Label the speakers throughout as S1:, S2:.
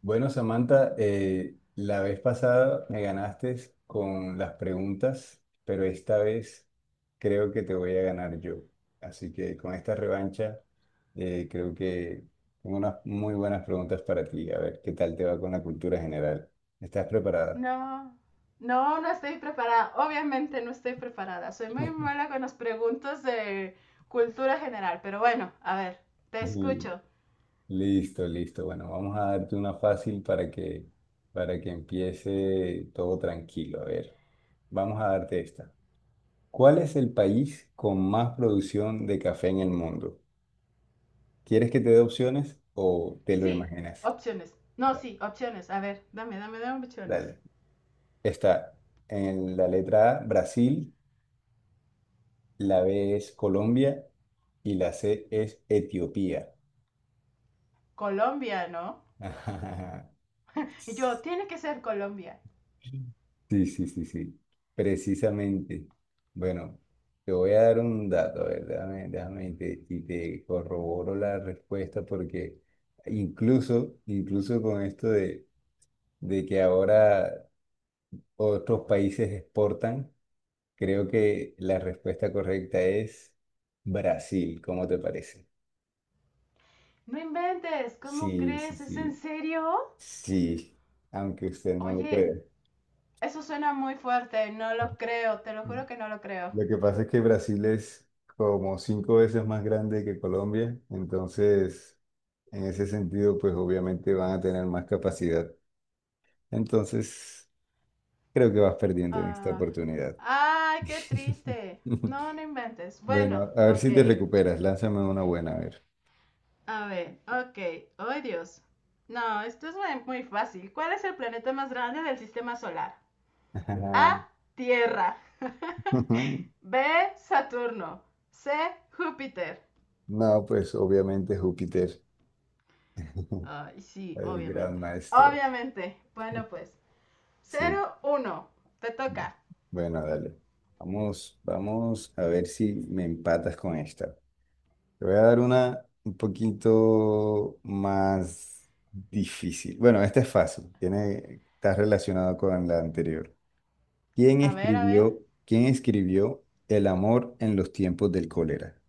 S1: Bueno, Samantha, la vez pasada me ganaste con las preguntas, pero esta vez creo que te voy a ganar yo. Así que con esta revancha, creo que tengo unas muy buenas preguntas para ti. A ver qué tal te va con la cultura general. ¿Estás preparada?
S2: No, no estoy preparada. Obviamente no estoy preparada. Soy muy mala con las preguntas de cultura general, pero bueno, a ver, te
S1: L-
S2: escucho.
S1: Listo, listo. Bueno, vamos a darte una fácil para que empiece todo tranquilo. A ver, vamos a darte esta. ¿Cuál es el país con más producción de café en el mundo? ¿Quieres que te dé opciones o te lo
S2: Sí,
S1: imaginas?
S2: opciones. No,
S1: Da-
S2: sí, opciones. A ver, dame opciones.
S1: Dale. Está en la letra A, Brasil, la B es Colombia y la C es Etiopía.
S2: Colombia, ¿no? Y yo, tiene que ser Colombia.
S1: Sí, sí, sí, sí. Precisamente. Bueno, te voy a dar un dato, a ver, déjame, y te corroboro la respuesta porque incluso con esto de que ahora otros países exportan, creo que la respuesta correcta es Brasil, ¿cómo te parece?
S2: No inventes, ¿cómo
S1: Sí, sí,
S2: crees? ¿Es en
S1: sí,
S2: serio?
S1: sí, aunque usted no lo crea.
S2: Oye, eso suena muy fuerte, no lo creo, te lo juro que no lo creo.
S1: Lo que pasa es que Brasil es como 5 veces más grande que Colombia, entonces en ese sentido, pues obviamente van a tener más capacidad. Entonces, creo que vas perdiendo en esta
S2: Ah,
S1: oportunidad.
S2: ay, qué triste. No, no inventes.
S1: Bueno,
S2: Bueno,
S1: a ver
S2: ok.
S1: si te recuperas, lánzame una buena, a ver.
S2: A ver, ok. ¡Ay, Dios! No, esto es muy, muy fácil. ¿Cuál es el planeta más grande del sistema solar?
S1: Ah,
S2: A, Tierra. B, Saturno. C, Júpiter.
S1: no, pues obviamente Júpiter,
S2: Ay, sí,
S1: el gran
S2: obviamente.
S1: maestro.
S2: Obviamente. Bueno, pues.
S1: Sí.
S2: Cero, uno. Te toca.
S1: Bueno, dale. Vamos a ver si me empatas con esta. Te voy a dar una un poquito más difícil. Bueno, esta es fácil. Tiene, está relacionado con la anterior. ¿Quién
S2: A ver, a ver.
S1: escribió, ¿quién escribió El amor en los tiempos del cólera?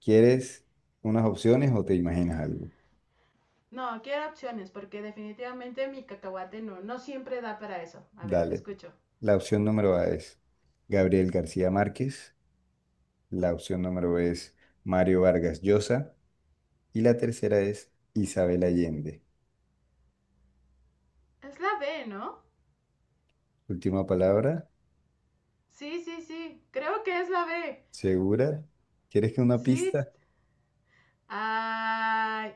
S1: ¿Quieres unas opciones o te imaginas algo?
S2: No, quiero opciones porque definitivamente mi cacahuate no siempre da para eso. A ver, te
S1: Dale.
S2: escucho.
S1: La opción número A es Gabriel García Márquez, la opción número B es Mario Vargas Llosa y la tercera es Isabel Allende.
S2: Es la B, ¿no?
S1: Última palabra,
S2: Sí, sí, sí. Creo que es la B.
S1: ¿segura? ¿Quieres que una
S2: Sí.
S1: pista?
S2: Ay,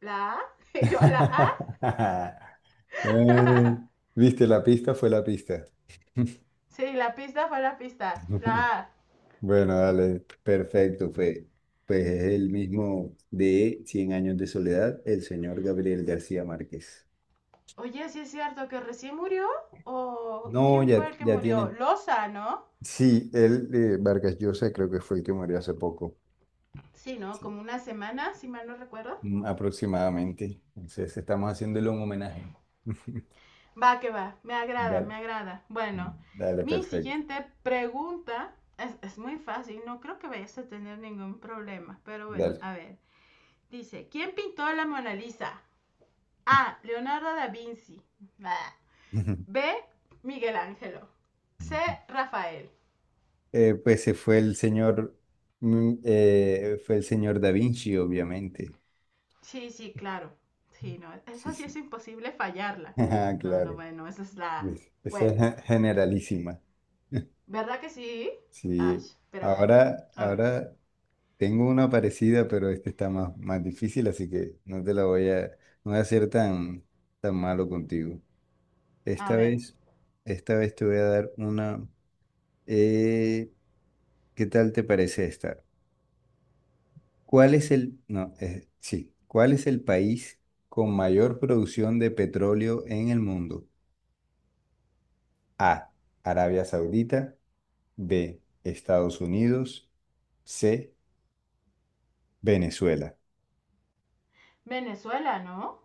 S2: ¿la A? Yo a la A.
S1: Eh, ¿Viste la pista? Fue la pista.
S2: Sí, la pista fue la pista. La A.
S1: Bueno, dale, perfecto, fue. Pues es el mismo de Cien años de soledad, el señor Gabriel García Márquez.
S2: Oye, sí es cierto que recién murió. ¿O
S1: No,
S2: quién fue el que
S1: ya
S2: murió?
S1: tiene.
S2: Loza, ¿no?
S1: Sí, él, Vargas Llosa, creo que fue el que murió hace poco.
S2: Sí, ¿no?
S1: Sí.
S2: Como una semana, si mal no recuerdo.
S1: Mm, aproximadamente. Entonces estamos haciéndole un homenaje.
S2: Va, que va. Me agrada,
S1: Dale,
S2: me agrada. Bueno,
S1: dale,
S2: mi
S1: perfecto.
S2: siguiente pregunta es muy fácil. No creo que vayas a tener ningún problema. Pero bueno,
S1: Dale.
S2: a ver. Dice, ¿quién pintó la Mona Lisa? A, Leonardo da Vinci. B, Miguel Ángelo. C, Rafael.
S1: Pues se fue el señor, fue el señor Da Vinci, obviamente.
S2: Sí, sí, claro. Sí, no,
S1: Sí,
S2: esa sí es
S1: sí.
S2: imposible fallarla.
S1: Ajá,
S2: No, no,
S1: claro.
S2: bueno, esa es la...
S1: Pues, esa es
S2: Bueno,
S1: generalísima.
S2: ¿verdad que sí? Ash,
S1: Sí.
S2: pero bueno.
S1: Ahora,
S2: A ver,
S1: ahora tengo una parecida, pero este está más difícil, así que no te la no voy a ser tan malo contigo.
S2: a
S1: Esta
S2: ver.
S1: vez, esta vez te voy a dar una. eh, ¿Qué tal te parece esta? ¿Cuál es el, no, sí, ¿cuál es el país con mayor producción de petróleo en el mundo? A, Arabia Saudita, B, Estados Unidos, C, Venezuela.
S2: Venezuela, ¿no?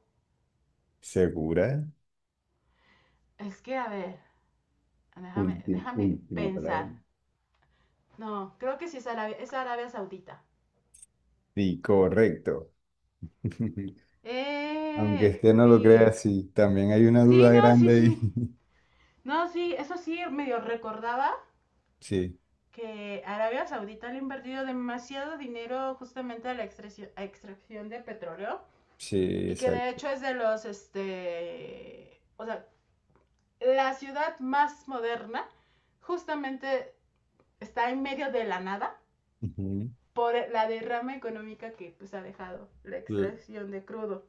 S1: ¿Segura?
S2: Es que, a ver, déjame, déjame
S1: Última palabra.
S2: pensar. No, creo que sí es Arabia Saudita.
S1: Sí, correcto. Aunque
S2: ¡Eh!
S1: usted no lo crea,
S2: Uy.
S1: sí, también hay una
S2: Sí,
S1: duda
S2: no, sí,
S1: grande
S2: sí.
S1: ahí.
S2: No, sí, eso sí, medio recordaba
S1: Sí,
S2: que Arabia Saudita le ha invertido demasiado dinero justamente a la extracción, a extracción de petróleo
S1: sí,
S2: y que de
S1: exacto.
S2: hecho es este, o sea, la ciudad más moderna justamente está en medio de la nada
S1: Ujú.
S2: por la derrama económica que pues ha dejado la
S1: Cl-
S2: extracción de crudo.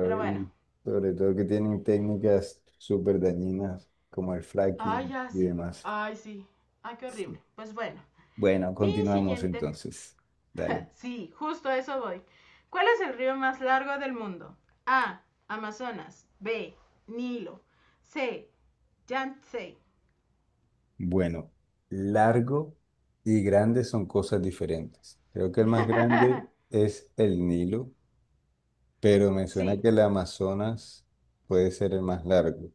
S2: Pero bueno,
S1: y sobre todo que tienen técnicas súper dañinas como el
S2: ay,
S1: fracking
S2: ya
S1: y
S2: sé,
S1: demás.
S2: ay, sí, ay, qué
S1: Sí.
S2: horrible. Pues bueno,
S1: Bueno,
S2: mi
S1: continuamos
S2: siguiente
S1: entonces. Dale.
S2: sí, justo a eso voy. ¿Cuál es el río más largo del mundo? A, Amazonas. B, Nilo. C, Yangtze.
S1: Bueno, largo y grande son cosas diferentes. Creo que el más grande es el Nilo, pero me suena
S2: Sí.
S1: que el Amazonas puede ser el más largo.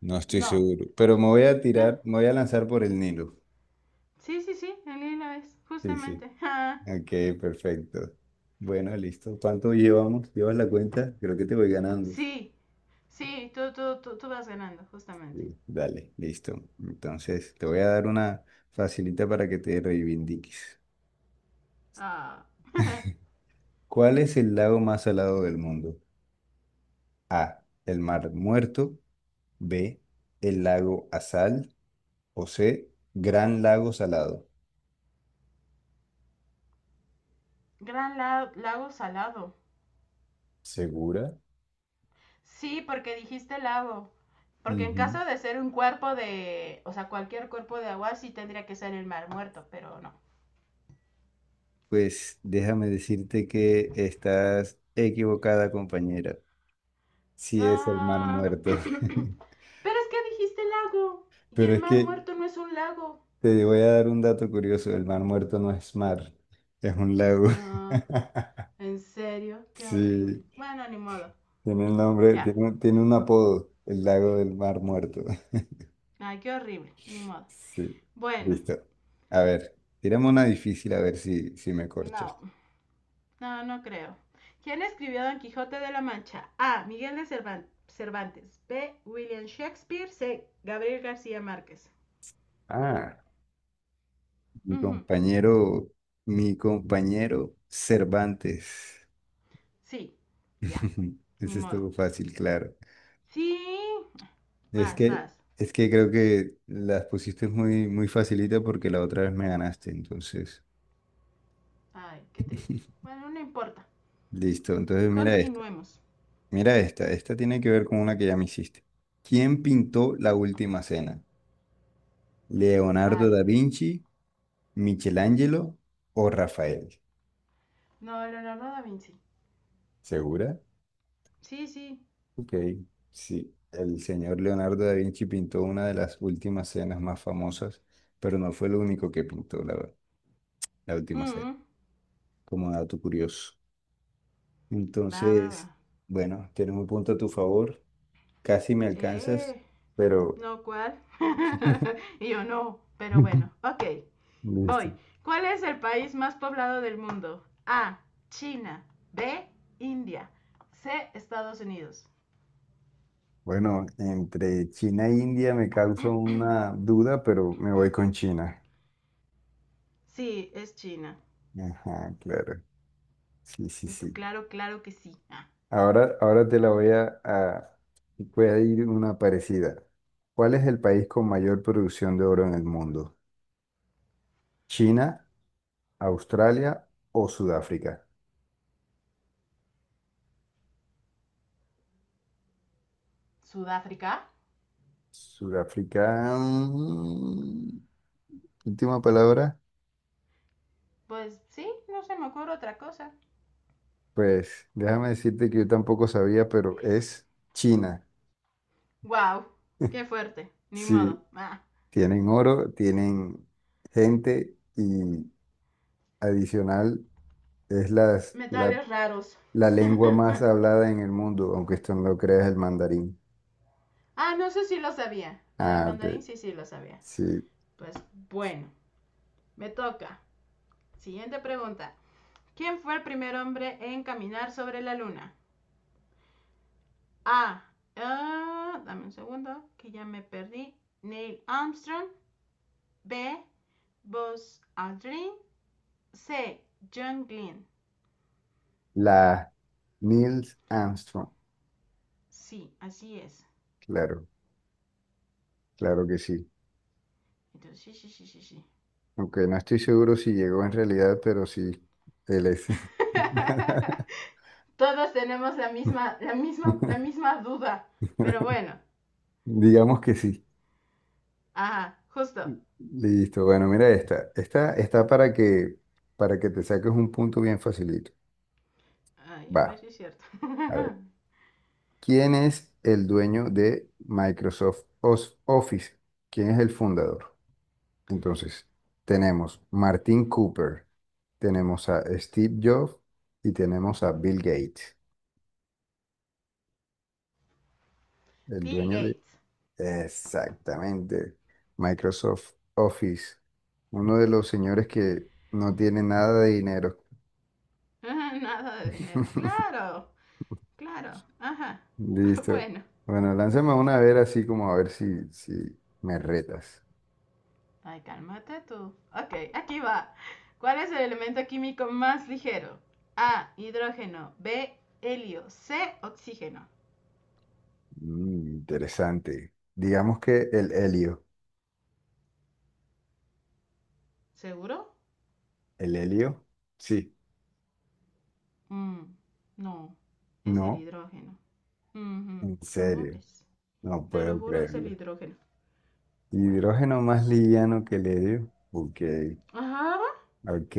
S1: No estoy
S2: No.
S1: seguro, pero me voy a
S2: No.
S1: me voy a lanzar por el Nilo.
S2: Sí, sí, sí. El Nilo es.
S1: Sí, sí.
S2: Justamente.
S1: Ok, perfecto. Bueno, listo. ¿Cuánto llevamos? ¿Llevas la cuenta? Creo que te voy
S2: Ah,
S1: ganando.
S2: sí. Sí, tú vas ganando, justamente.
S1: Sí. Dale, listo. Entonces, te voy a dar una facilita para que te reivindiques.
S2: Ah.
S1: ¿Cuál es el lago más salado del mundo? A, el Mar Muerto. B, el lago Azal. O C, Gran Lago Salado.
S2: Gran lago salado.
S1: ¿Segura?
S2: Sí, porque dijiste lago. Porque en
S1: Ujú.
S2: caso de ser un cuerpo de, o sea, cualquier cuerpo de agua sí tendría que ser el mar muerto, pero no.
S1: Pues déjame decirte que estás equivocada, compañera. Sí es el Mar
S2: Ah.
S1: Muerto.
S2: Pero es que dijiste lago. Y
S1: Pero
S2: el
S1: es
S2: mar
S1: que
S2: muerto no es un lago.
S1: te voy a dar un dato curioso. El Mar Muerto no es mar, es un lago.
S2: Ah, en serio, qué horrible.
S1: Sí,
S2: Bueno, ni modo.
S1: tiene un nombre,
S2: Ya.
S1: tiene un apodo, el lago del Mar Muerto.
S2: Ay, qué horrible, ni modo.
S1: Sí,
S2: Bueno,
S1: listo. A ver, tiramos una difícil a ver si me corchas.
S2: no, no, no creo. ¿Quién escribió Don Quijote de la Mancha? A, Miguel de Cervantes. B, William Shakespeare. C, Gabriel García Márquez.
S1: Ah, mi
S2: Ujú,
S1: compañero, mi compañero Cervantes.
S2: sí, ya. Ni
S1: Eso
S2: modo.
S1: estuvo fácil, claro.
S2: Sí.
S1: Es
S2: Vas,
S1: que,
S2: vas.
S1: es que creo que las pusiste muy facilita porque la otra vez me ganaste, entonces.
S2: Ay, qué triste. Bueno, no importa.
S1: Listo, entonces mira esta.
S2: Continuemos.
S1: Mira esta. Esta tiene que ver con una que ya me hiciste. ¿Quién pintó la última cena? ¿Leonardo da
S2: Ay,
S1: Vinci, Michelangelo o Rafael?
S2: no, Leonardo da Vinci.
S1: ¿Segura?
S2: Sí, sí.
S1: Ok, sí. El señor Leonardo da Vinci pintó una de las últimas cenas más famosas, pero no fue lo único que pintó la última
S2: Mm,
S1: cena,
S2: -mm.
S1: como dato curioso.
S2: Va, va, va.
S1: Entonces, bueno, tienes un punto a tu favor. Casi me alcanzas,
S2: Eh,
S1: pero
S2: No, ¿cuál? Y yo no, pero bueno, ok,
S1: listo.
S2: voy. ¿Cuál es el país más poblado del mundo? A, China. B, India. C, Estados Unidos.
S1: Bueno, entre China e India me causa una duda, pero me voy con China.
S2: Sí, es China.
S1: Ajá, claro. Sí, sí,
S2: Y tú,
S1: sí.
S2: claro, claro que sí. Ah,
S1: Ahora, ahora te la voy a... Voy a ir una parecida. ¿Cuál es el país con mayor producción de oro en el mundo? ¿China, Australia o Sudáfrica?
S2: Sudáfrica.
S1: Sudáfrica. Mm, última palabra.
S2: Pues sí, no se me ocurre otra cosa.
S1: Pues déjame decirte que yo tampoco sabía, pero es China.
S2: Wow, qué fuerte, ni modo.
S1: Sí,
S2: Ah,
S1: tienen oro, tienen gente y adicional es
S2: metales raros.
S1: la lengua más hablada en el mundo, aunque esto no lo creas, el mandarín.
S2: Ah, no sé si lo sabía. La del
S1: Ah, ok.
S2: mandarín sí, sí lo sabía.
S1: Sí,
S2: Pues bueno, me toca. Siguiente pregunta. ¿Quién fue el primer hombre en caminar sobre la luna? A. Ah, dame un segundo, que ya me perdí. Neil Armstrong. B, Buzz Aldrin. C, John Glenn.
S1: la Nils Armstrong.
S2: Sí, así es.
S1: Claro, claro que sí.
S2: Entonces, sí, sí, sí, sí, sí.
S1: Aunque no estoy seguro si llegó en realidad, pero sí, él es.
S2: Todos tenemos la misma duda. Pero bueno,
S1: Digamos que sí.
S2: ajá, justo.
S1: Listo. Bueno, mira esta. Esta está para que te saques un punto bien facilito.
S2: Ay,
S1: Va,
S2: a ver si es cierto.
S1: a ver. ¿Quién es el dueño de Microsoft Office? ¿Quién es el fundador? Entonces, tenemos Martin Cooper, tenemos a Steve Jobs y tenemos a Bill Gates, el
S2: Bill
S1: dueño.
S2: Gates.
S1: Exactamente. Microsoft Office. Uno de los señores que no tiene nada de dinero.
S2: Ah, nada de dinero. Claro, claro. Ajá.
S1: Listo.
S2: Bueno.
S1: Bueno, lánzame una a ver así como a ver si me retas.
S2: Ay, cálmate tú. Ok, aquí va. ¿Cuál es el elemento químico más ligero? A, hidrógeno. B, helio. C, oxígeno.
S1: Mm, interesante. Digamos que el helio.
S2: ¿Seguro?
S1: ¿El helio? Sí.
S2: Mm, no, es el
S1: No,
S2: hidrógeno. Ujú,
S1: en
S2: ¿cómo
S1: serio.
S2: ves?
S1: No
S2: Te lo
S1: puedo
S2: juro, es el
S1: creerlo.
S2: hidrógeno. Bueno.
S1: Hidrógeno más liviano que el helio. Ok.
S2: Ajá.
S1: Ok,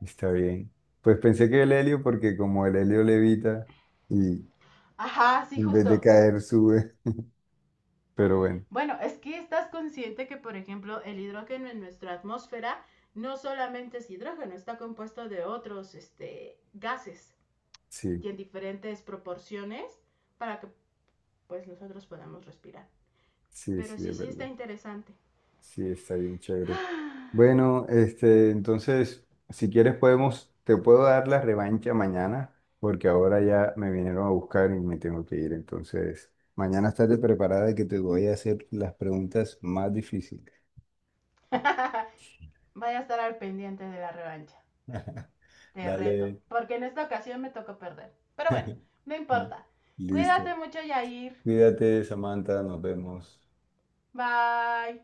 S1: está bien. Pues pensé que el helio, porque como el helio levita y
S2: Ajá, sí,
S1: en vez de
S2: justo.
S1: caer sube, pero bueno,
S2: Bueno, es que estás consciente que, por ejemplo, el hidrógeno en nuestra atmósfera no solamente es hidrógeno, está compuesto de otros gases
S1: sí,
S2: y en diferentes proporciones para que pues nosotros podamos respirar.
S1: sí,
S2: Pero
S1: sí,
S2: sí,
S1: es
S2: sí está
S1: verdad.
S2: interesante.
S1: Sí, está bien chévere. Bueno, este, entonces, si quieres podemos, te puedo dar la revancha mañana, porque ahora ya me vinieron a buscar y me tengo que ir. Entonces, mañana estate preparada que te voy a hacer las preguntas más difíciles.
S2: Vaya a estar al pendiente de la revancha. Te reto,
S1: Dale,
S2: porque en esta ocasión me tocó perder. Pero bueno, no
S1: y-
S2: importa. Cuídate
S1: listo.
S2: mucho, Yair.
S1: Cuídate, Samantha, nos vemos.
S2: Bye.